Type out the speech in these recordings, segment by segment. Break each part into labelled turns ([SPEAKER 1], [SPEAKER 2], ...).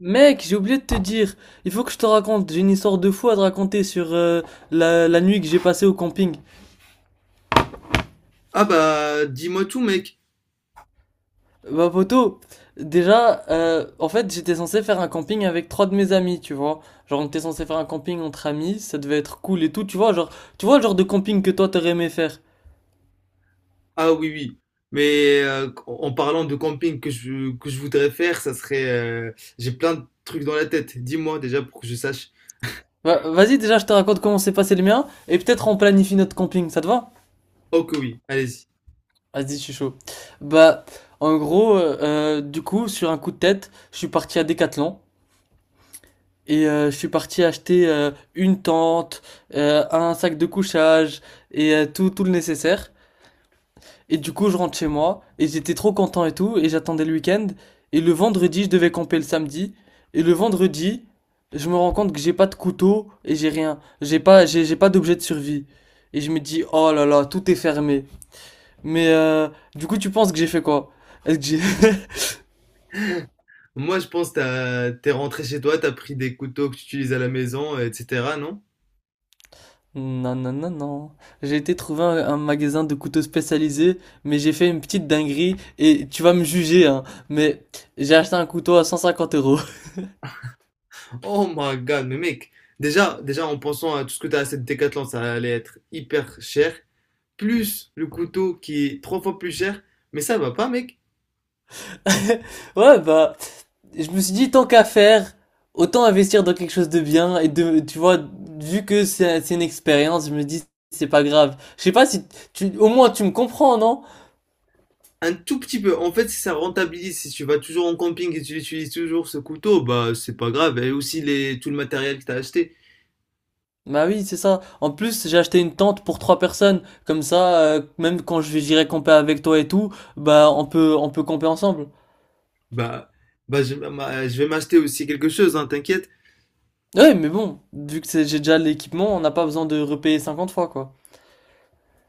[SPEAKER 1] Mec, j'ai oublié de te dire, il faut que je te raconte, j'ai une histoire de fou à te raconter sur la nuit que j'ai passée au camping.
[SPEAKER 2] Ah bah dis-moi tout mec.
[SPEAKER 1] Bah poto, déjà, en fait j'étais censé faire un camping avec trois de mes amis, tu vois. Genre on était censé faire un camping entre amis, ça devait être cool et tout, tu vois, genre, tu vois le genre de camping que toi t'aurais aimé faire.
[SPEAKER 2] Ah oui oui. En parlant de camping que je voudrais faire, ça serait... j'ai plein de trucs dans la tête. Dis-moi déjà pour que je sache.
[SPEAKER 1] Bah, vas-y déjà je te raconte comment s'est passé le mien, et peut-être on planifie notre camping, ça te va?
[SPEAKER 2] Oh que oui, allez-y.
[SPEAKER 1] Vas-y, je suis chaud. Bah, en gros, du coup, sur un coup de tête, je suis parti à Decathlon. Et je suis parti acheter une tente, un sac de couchage et tout le nécessaire. Et du coup, je rentre chez moi et j'étais trop content et tout. Et j'attendais le week-end. Et le vendredi, je devais camper le samedi. Et le vendredi, je me rends compte que j'ai pas de couteau et j'ai rien. J'ai pas d'objet de survie. Et je me dis, oh là là, tout est fermé. Mais du coup, tu penses que j'ai fait quoi? Est-ce que j'ai
[SPEAKER 2] Moi je pense que t'es rentré chez toi, t'as pris des couteaux que tu utilises à la maison, etc. Non?
[SPEAKER 1] Non, non, non, non. J'ai été trouver un magasin de couteaux spécialisé, mais j'ai fait une petite dinguerie et tu vas me juger, hein. Mais j'ai acheté un couteau à 150 euros.
[SPEAKER 2] Oh my god, mais mec. Déjà en pensant à tout ce que t'as à cette Décathlon, ça allait être hyper cher. Plus le couteau qui est trois fois plus cher. Mais ça va pas mec.
[SPEAKER 1] Ouais, bah, je me suis dit, tant qu'à faire, autant investir dans quelque chose de bien et de, tu vois, vu que c'est une expérience, je me dis, c'est pas grave. Je sais pas si au moins tu me comprends, non?
[SPEAKER 2] Un tout petit peu. En fait, si ça rentabilise. Si tu vas toujours en camping et tu utilises toujours ce couteau, bah c'est pas grave. Et aussi tout le matériel que t'as acheté,
[SPEAKER 1] Bah oui, c'est ça. En plus, j'ai acheté une tente pour trois personnes. Comme ça, même quand je j'irai camper avec toi et tout, bah, on peut camper ensemble.
[SPEAKER 2] bah, je vais m'acheter aussi quelque chose, hein, t'inquiète.
[SPEAKER 1] Ouais, mais bon, j'ai déjà l'équipement, on n'a pas besoin de repayer 50 fois, quoi.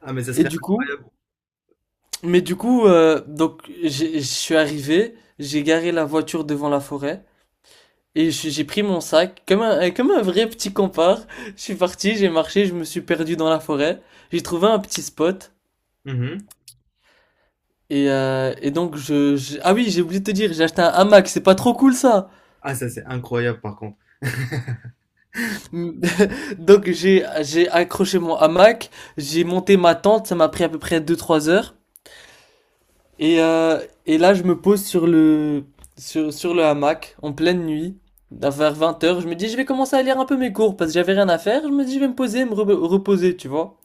[SPEAKER 2] Ah mais ça
[SPEAKER 1] Et
[SPEAKER 2] serait
[SPEAKER 1] du coup,
[SPEAKER 2] incroyable.
[SPEAKER 1] mais du coup, donc j'ai- Je suis arrivé, j'ai garé la voiture devant la forêt et j'ai pris mon sac comme un vrai petit compare. Je suis parti, j'ai marché, je me suis perdu dans la forêt. J'ai trouvé un petit spot
[SPEAKER 2] Mhm.
[SPEAKER 1] et ah oui, j'ai oublié de te dire, j'ai acheté un hamac, c'est pas trop cool ça.
[SPEAKER 2] Ah ça c'est incroyable par contre.
[SPEAKER 1] Donc j'ai accroché mon hamac, j'ai monté ma tente, ça m'a pris à peu près deux trois heures. Et, euh, et là, je me pose sur sur le hamac en pleine nuit, vers 20 heures. Je me dis, je vais commencer à lire un peu mes cours parce que j'avais rien à faire. Je me dis, je vais me poser, me reposer, tu vois.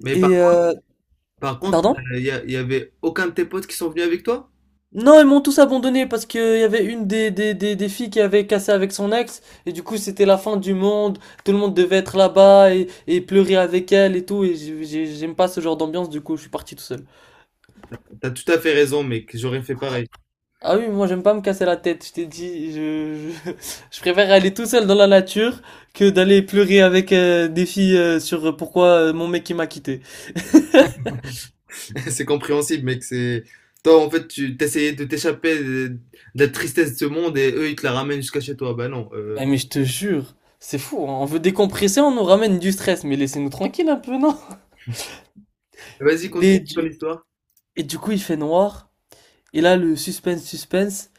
[SPEAKER 2] Mais par,
[SPEAKER 1] Et
[SPEAKER 2] Par contre,
[SPEAKER 1] pardon?
[SPEAKER 2] y avait aucun de tes potes qui sont venus avec toi?
[SPEAKER 1] Non, ils m'ont tous abandonné parce qu'il y avait une des filles qui avait cassé avec son ex. Et du coup, c'était la fin du monde. Tout le monde devait être là-bas et pleurer avec elle et tout. Et j'aime pas ce genre d'ambiance, du coup, je suis parti tout seul.
[SPEAKER 2] T'as tout à fait raison, mec. J'aurais fait pareil.
[SPEAKER 1] Ah oui, moi j'aime pas me casser la tête, je t'ai dit, je préfère aller tout seul dans la nature que d'aller pleurer avec des filles sur pourquoi mon mec il m'a quitté.
[SPEAKER 2] C'est compréhensible, mec. C'est toi en fait tu t'essayais de t'échapper de la tristesse de ce monde et eux ils te la ramènent jusqu'à chez toi. Bah non.
[SPEAKER 1] Ah, mais je te jure, c'est fou, hein, on veut décompresser, on nous ramène du stress, mais laissez-nous tranquille un peu, non?
[SPEAKER 2] Vas-y, continue
[SPEAKER 1] Et
[SPEAKER 2] ton
[SPEAKER 1] du,
[SPEAKER 2] histoire.
[SPEAKER 1] et du coup il fait noir, et là le suspense, suspense,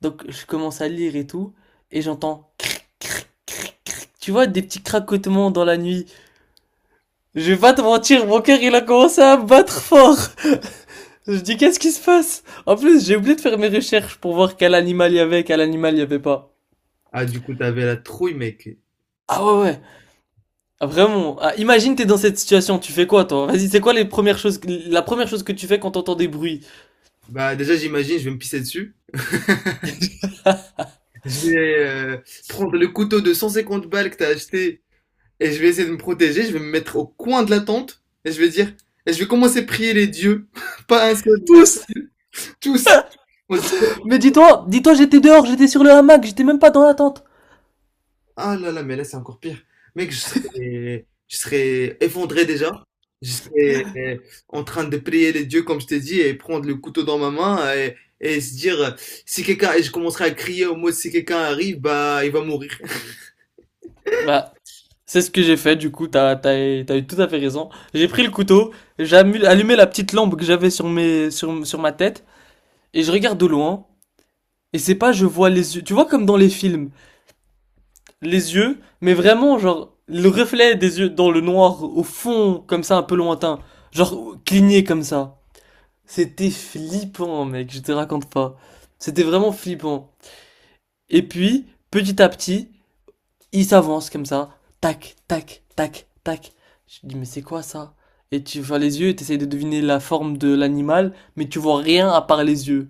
[SPEAKER 1] donc je commence à lire et tout, et j'entends cric, cric, cric, cric. Tu vois, des petits craquements dans la nuit. Je vais pas te mentir, mon cœur il a commencé à battre fort. Je dis, qu'est-ce qui se passe? En plus, j'ai oublié de faire mes recherches pour voir quel animal il y avait, quel animal il y avait pas.
[SPEAKER 2] Ah, du coup, t'avais la trouille, mec.
[SPEAKER 1] Ah ouais, ouais. Ah, vraiment. Ah, imagine, t'es dans cette situation. Tu fais quoi, toi? Vas-y, c'est quoi les premières choses, la première chose que tu fais quand t'entends des bruits?
[SPEAKER 2] Bah, déjà, j'imagine, je vais me pisser dessus. Je vais prendre le couteau de 150 balles que t'as acheté et je vais essayer de me protéger. Je vais me mettre au coin de la tente et je vais dire, et je vais commencer à prier les dieux. Pas un seul, mais
[SPEAKER 1] Tous.
[SPEAKER 2] tous. On se dit, bon,
[SPEAKER 1] Mais dis-toi, dis-toi, j'étais dehors, j'étais sur le hamac, j'étais même pas dans la tente.
[SPEAKER 2] ah là là, mais là, c'est encore pire. Mec, je serais effondré déjà. Je serais en train de prier les dieux, comme je t'ai dit, et prendre le couteau dans ma main et se dire, si quelqu'un, et je commencerai à crier au mot, si quelqu'un arrive, bah, il va mourir.
[SPEAKER 1] Bah, c'est ce que j'ai fait, du coup, t'as eu tout à fait raison. J'ai pris le couteau, j'ai allumé la petite lampe que j'avais sur ma tête, et je regarde de loin, et c'est pas, je vois les yeux, tu vois comme dans les films, les yeux, mais vraiment, genre, le reflet des yeux dans le noir, au fond, comme ça, un peu lointain. Genre, cligné comme ça. C'était flippant, mec, je te raconte pas. C'était vraiment flippant. Et puis, petit à petit, il s'avance comme ça. Tac, tac, tac, tac. Je dis, mais c'est quoi ça? Et tu vois les yeux et t'essayes de deviner la forme de l'animal, mais tu vois rien à part les yeux.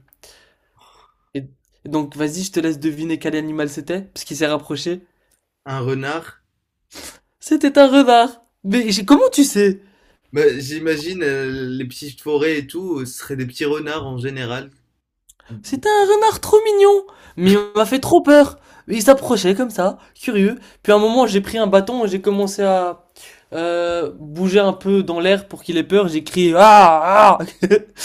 [SPEAKER 1] Et donc, vas-y, je te laisse deviner quel animal c'était, parce qu'il s'est rapproché.
[SPEAKER 2] Un renard.
[SPEAKER 1] C'était un renard. Mais comment tu sais?
[SPEAKER 2] Bah, j'imagine, les petites forêts et tout, ce seraient des petits renards en général.
[SPEAKER 1] C'était un renard trop mignon, mais il m'a fait trop peur. Il s'approchait comme ça, curieux. Puis à un moment, j'ai pris un bâton et j'ai commencé à bouger un peu dans l'air pour qu'il ait peur. J'ai crié ah ah.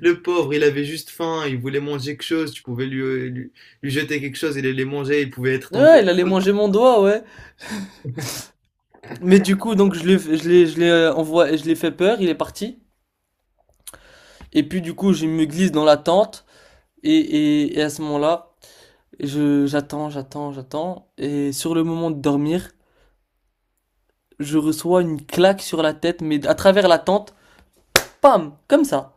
[SPEAKER 2] Le pauvre, il avait juste faim, il voulait manger quelque chose, tu pouvais lui jeter quelque chose, il allait manger, il pouvait être tombé.
[SPEAKER 1] Ouais, il allait manger mon doigt, ouais. Mais du coup, donc je l'ai envoyé, je l'ai fait peur. Il est parti. Et puis du coup, je me glisse dans la tente et à ce moment-là, je j'attends, j'attends, j'attends. Et sur le moment de dormir, je reçois une claque sur la tête, mais à travers la tente. Pam, comme ça.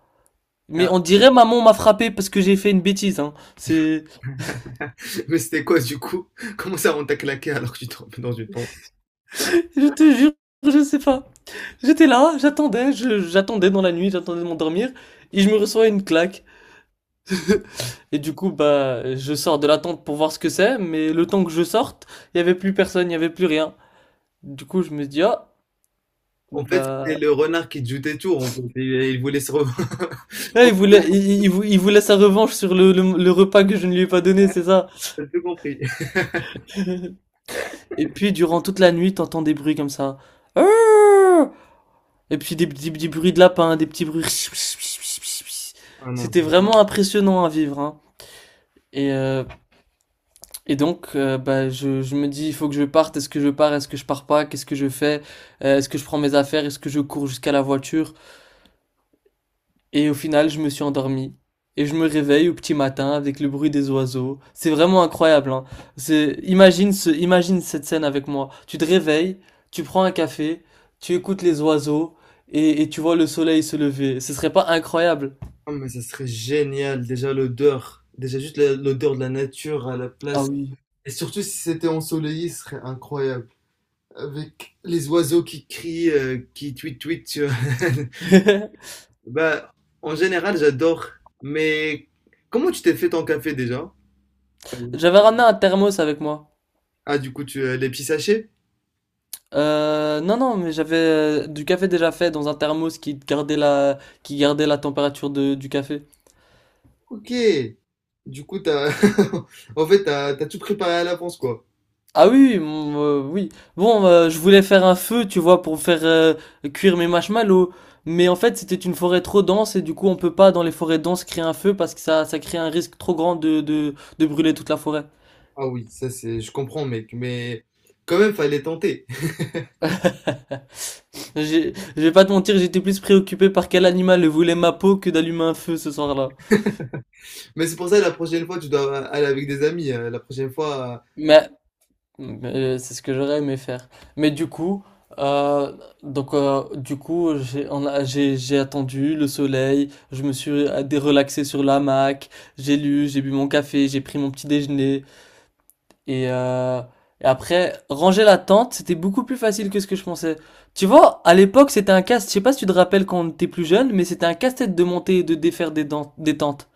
[SPEAKER 1] Mais on dirait maman m'a frappé parce que j'ai fait une bêtise. Hein. C'est,
[SPEAKER 2] Mais c'était quoi du coup? Comment ça on t'a claqué alors que tu tombes dans une tente?
[SPEAKER 1] je te jure, je sais pas. J'étais là, j'attendais, j'attendais dans la nuit, j'attendais de m'endormir et je me reçois une claque. Et du coup, bah, je sors de la tente pour voir ce que c'est, mais le temps que je sorte, il y avait plus personne, il y avait plus rien. Du coup, je me dis ah.
[SPEAKER 2] En fait, c'était
[SPEAKER 1] Bah,
[SPEAKER 2] le renard qui te jouait tour en fait et il voulait se re
[SPEAKER 1] ah, il voulait, il voulait sa revanche sur le repas que je ne lui ai pas donné, c'est ça.
[SPEAKER 2] J'ai tout compris.
[SPEAKER 1] Et puis, durant toute la nuit, t'entends des bruits comme ça. Ah. Et puis des bruits de lapin, des petits bruits.
[SPEAKER 2] Ah non,
[SPEAKER 1] C'était
[SPEAKER 2] je
[SPEAKER 1] vraiment impressionnant à vivre, hein. Et, euh, et donc, bah, je me dis, il faut que je parte. Est-ce que je pars? Est-ce que je pars pas? Qu'est-ce que je fais? Est-ce que je prends mes affaires? Est-ce que je cours jusqu'à la voiture? Et au final, je me suis endormi. Et je me réveille au petit matin avec le bruit des oiseaux. C'est vraiment incroyable, hein. Imagine cette scène avec moi. Tu te réveilles, tu prends un café, tu écoutes les oiseaux et tu vois le soleil se lever. Ce serait pas incroyable?
[SPEAKER 2] ah mais ça serait génial, déjà l'odeur, déjà juste la l'odeur de la nature à la
[SPEAKER 1] Ah
[SPEAKER 2] place
[SPEAKER 1] oui.
[SPEAKER 2] et surtout si c'était ensoleillé, ce serait incroyable avec les oiseaux qui crient, qui tweet tweet tu vois? Bah, en général j'adore, mais comment tu t'es fait ton café déjà? Ah oui.
[SPEAKER 1] J'avais ramené un thermos avec moi.
[SPEAKER 2] Ah du coup tu, les petits sachets?
[SPEAKER 1] Non, non, mais j'avais du café déjà fait dans un thermos qui gardait la température du café.
[SPEAKER 2] OK. Du coup, t'as, en fait, t'as tout préparé à l'avance, quoi.
[SPEAKER 1] Ah oui, mm, oui. Bon, je voulais faire un feu, tu vois, pour faire cuire mes marshmallows. Mais en fait, c'était une forêt trop dense et du coup, on peut pas dans les forêts denses créer un feu parce que ça crée un risque trop grand de brûler toute la forêt.
[SPEAKER 2] Ah oui, ça c'est, je comprends, mec, mais quand même, fallait tenter.
[SPEAKER 1] Je vais pas te mentir, j'étais plus préoccupé par quel animal voulait ma peau que d'allumer un feu ce soir-là.
[SPEAKER 2] Mais c'est pour ça, la prochaine fois, tu dois aller avec des amis. La prochaine fois,
[SPEAKER 1] Mais Mais c'est ce que j'aurais aimé faire. Mais du coup, euh, du coup, j'ai on a- j'ai attendu le soleil, je me suis relaxé sur l'hamac, j'ai lu, j'ai bu mon café, j'ai pris mon petit déjeuner et, euh, et après ranger la tente, c'était beaucoup plus facile que ce que je pensais. Tu vois, à l'époque, c'était je sais pas si tu te rappelles quand on était plus jeune, mais c'était un casse-tête de monter et de défaire des tentes.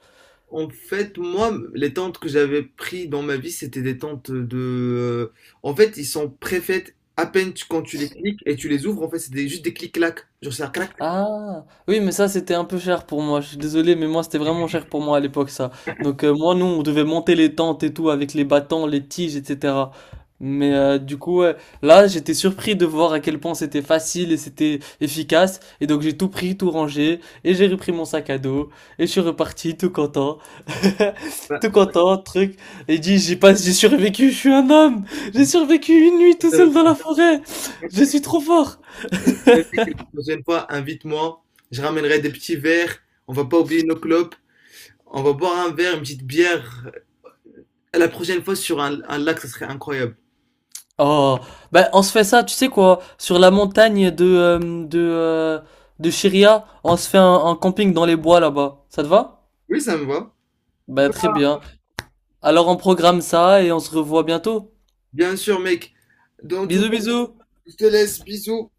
[SPEAKER 2] en fait, moi, les tentes que j'avais pris dans ma vie, c'était des tentes en fait, ils sont préfaites à peine quand tu les cliques et tu les ouvres. En fait, c'était juste des clics-clacs. Genre, ça clac.
[SPEAKER 1] Ah, oui, mais ça, c'était un peu cher pour moi. Je suis désolé, mais moi, c'était vraiment cher pour moi à l'époque, ça. Donc, moi, nous, on devait monter les tentes et tout avec les bâtons, les tiges, etc. Mais du coup, ouais, là, j'étais surpris de voir à quel point c'était facile et c'était efficace. Et donc, j'ai tout pris, tout rangé, et j'ai repris mon sac à dos, et je suis reparti tout content.
[SPEAKER 2] Bah,
[SPEAKER 1] Tout content, truc. Et dit, j'ai pas, j'ai survécu, je suis un homme. J'ai survécu une nuit tout
[SPEAKER 2] euh,
[SPEAKER 1] seul dans la forêt. Je suis trop fort.
[SPEAKER 2] ouais, la prochaine fois, invite-moi. Je ramènerai des petits verres. On va pas oublier nos clopes. On va boire un verre, une petite bière. La prochaine fois sur un lac, ça serait incroyable.
[SPEAKER 1] Oh, bah on se fait ça, tu sais quoi, sur la montagne de de Chiria, on se fait un camping dans les bois là-bas. Ça te va?
[SPEAKER 2] Oui, ça me va.
[SPEAKER 1] Bah très bien. Alors on programme ça et on se revoit bientôt.
[SPEAKER 2] Bien sûr, mec. Dans tout
[SPEAKER 1] Bisous
[SPEAKER 2] cas,
[SPEAKER 1] bisous.
[SPEAKER 2] je te laisse. Bisous.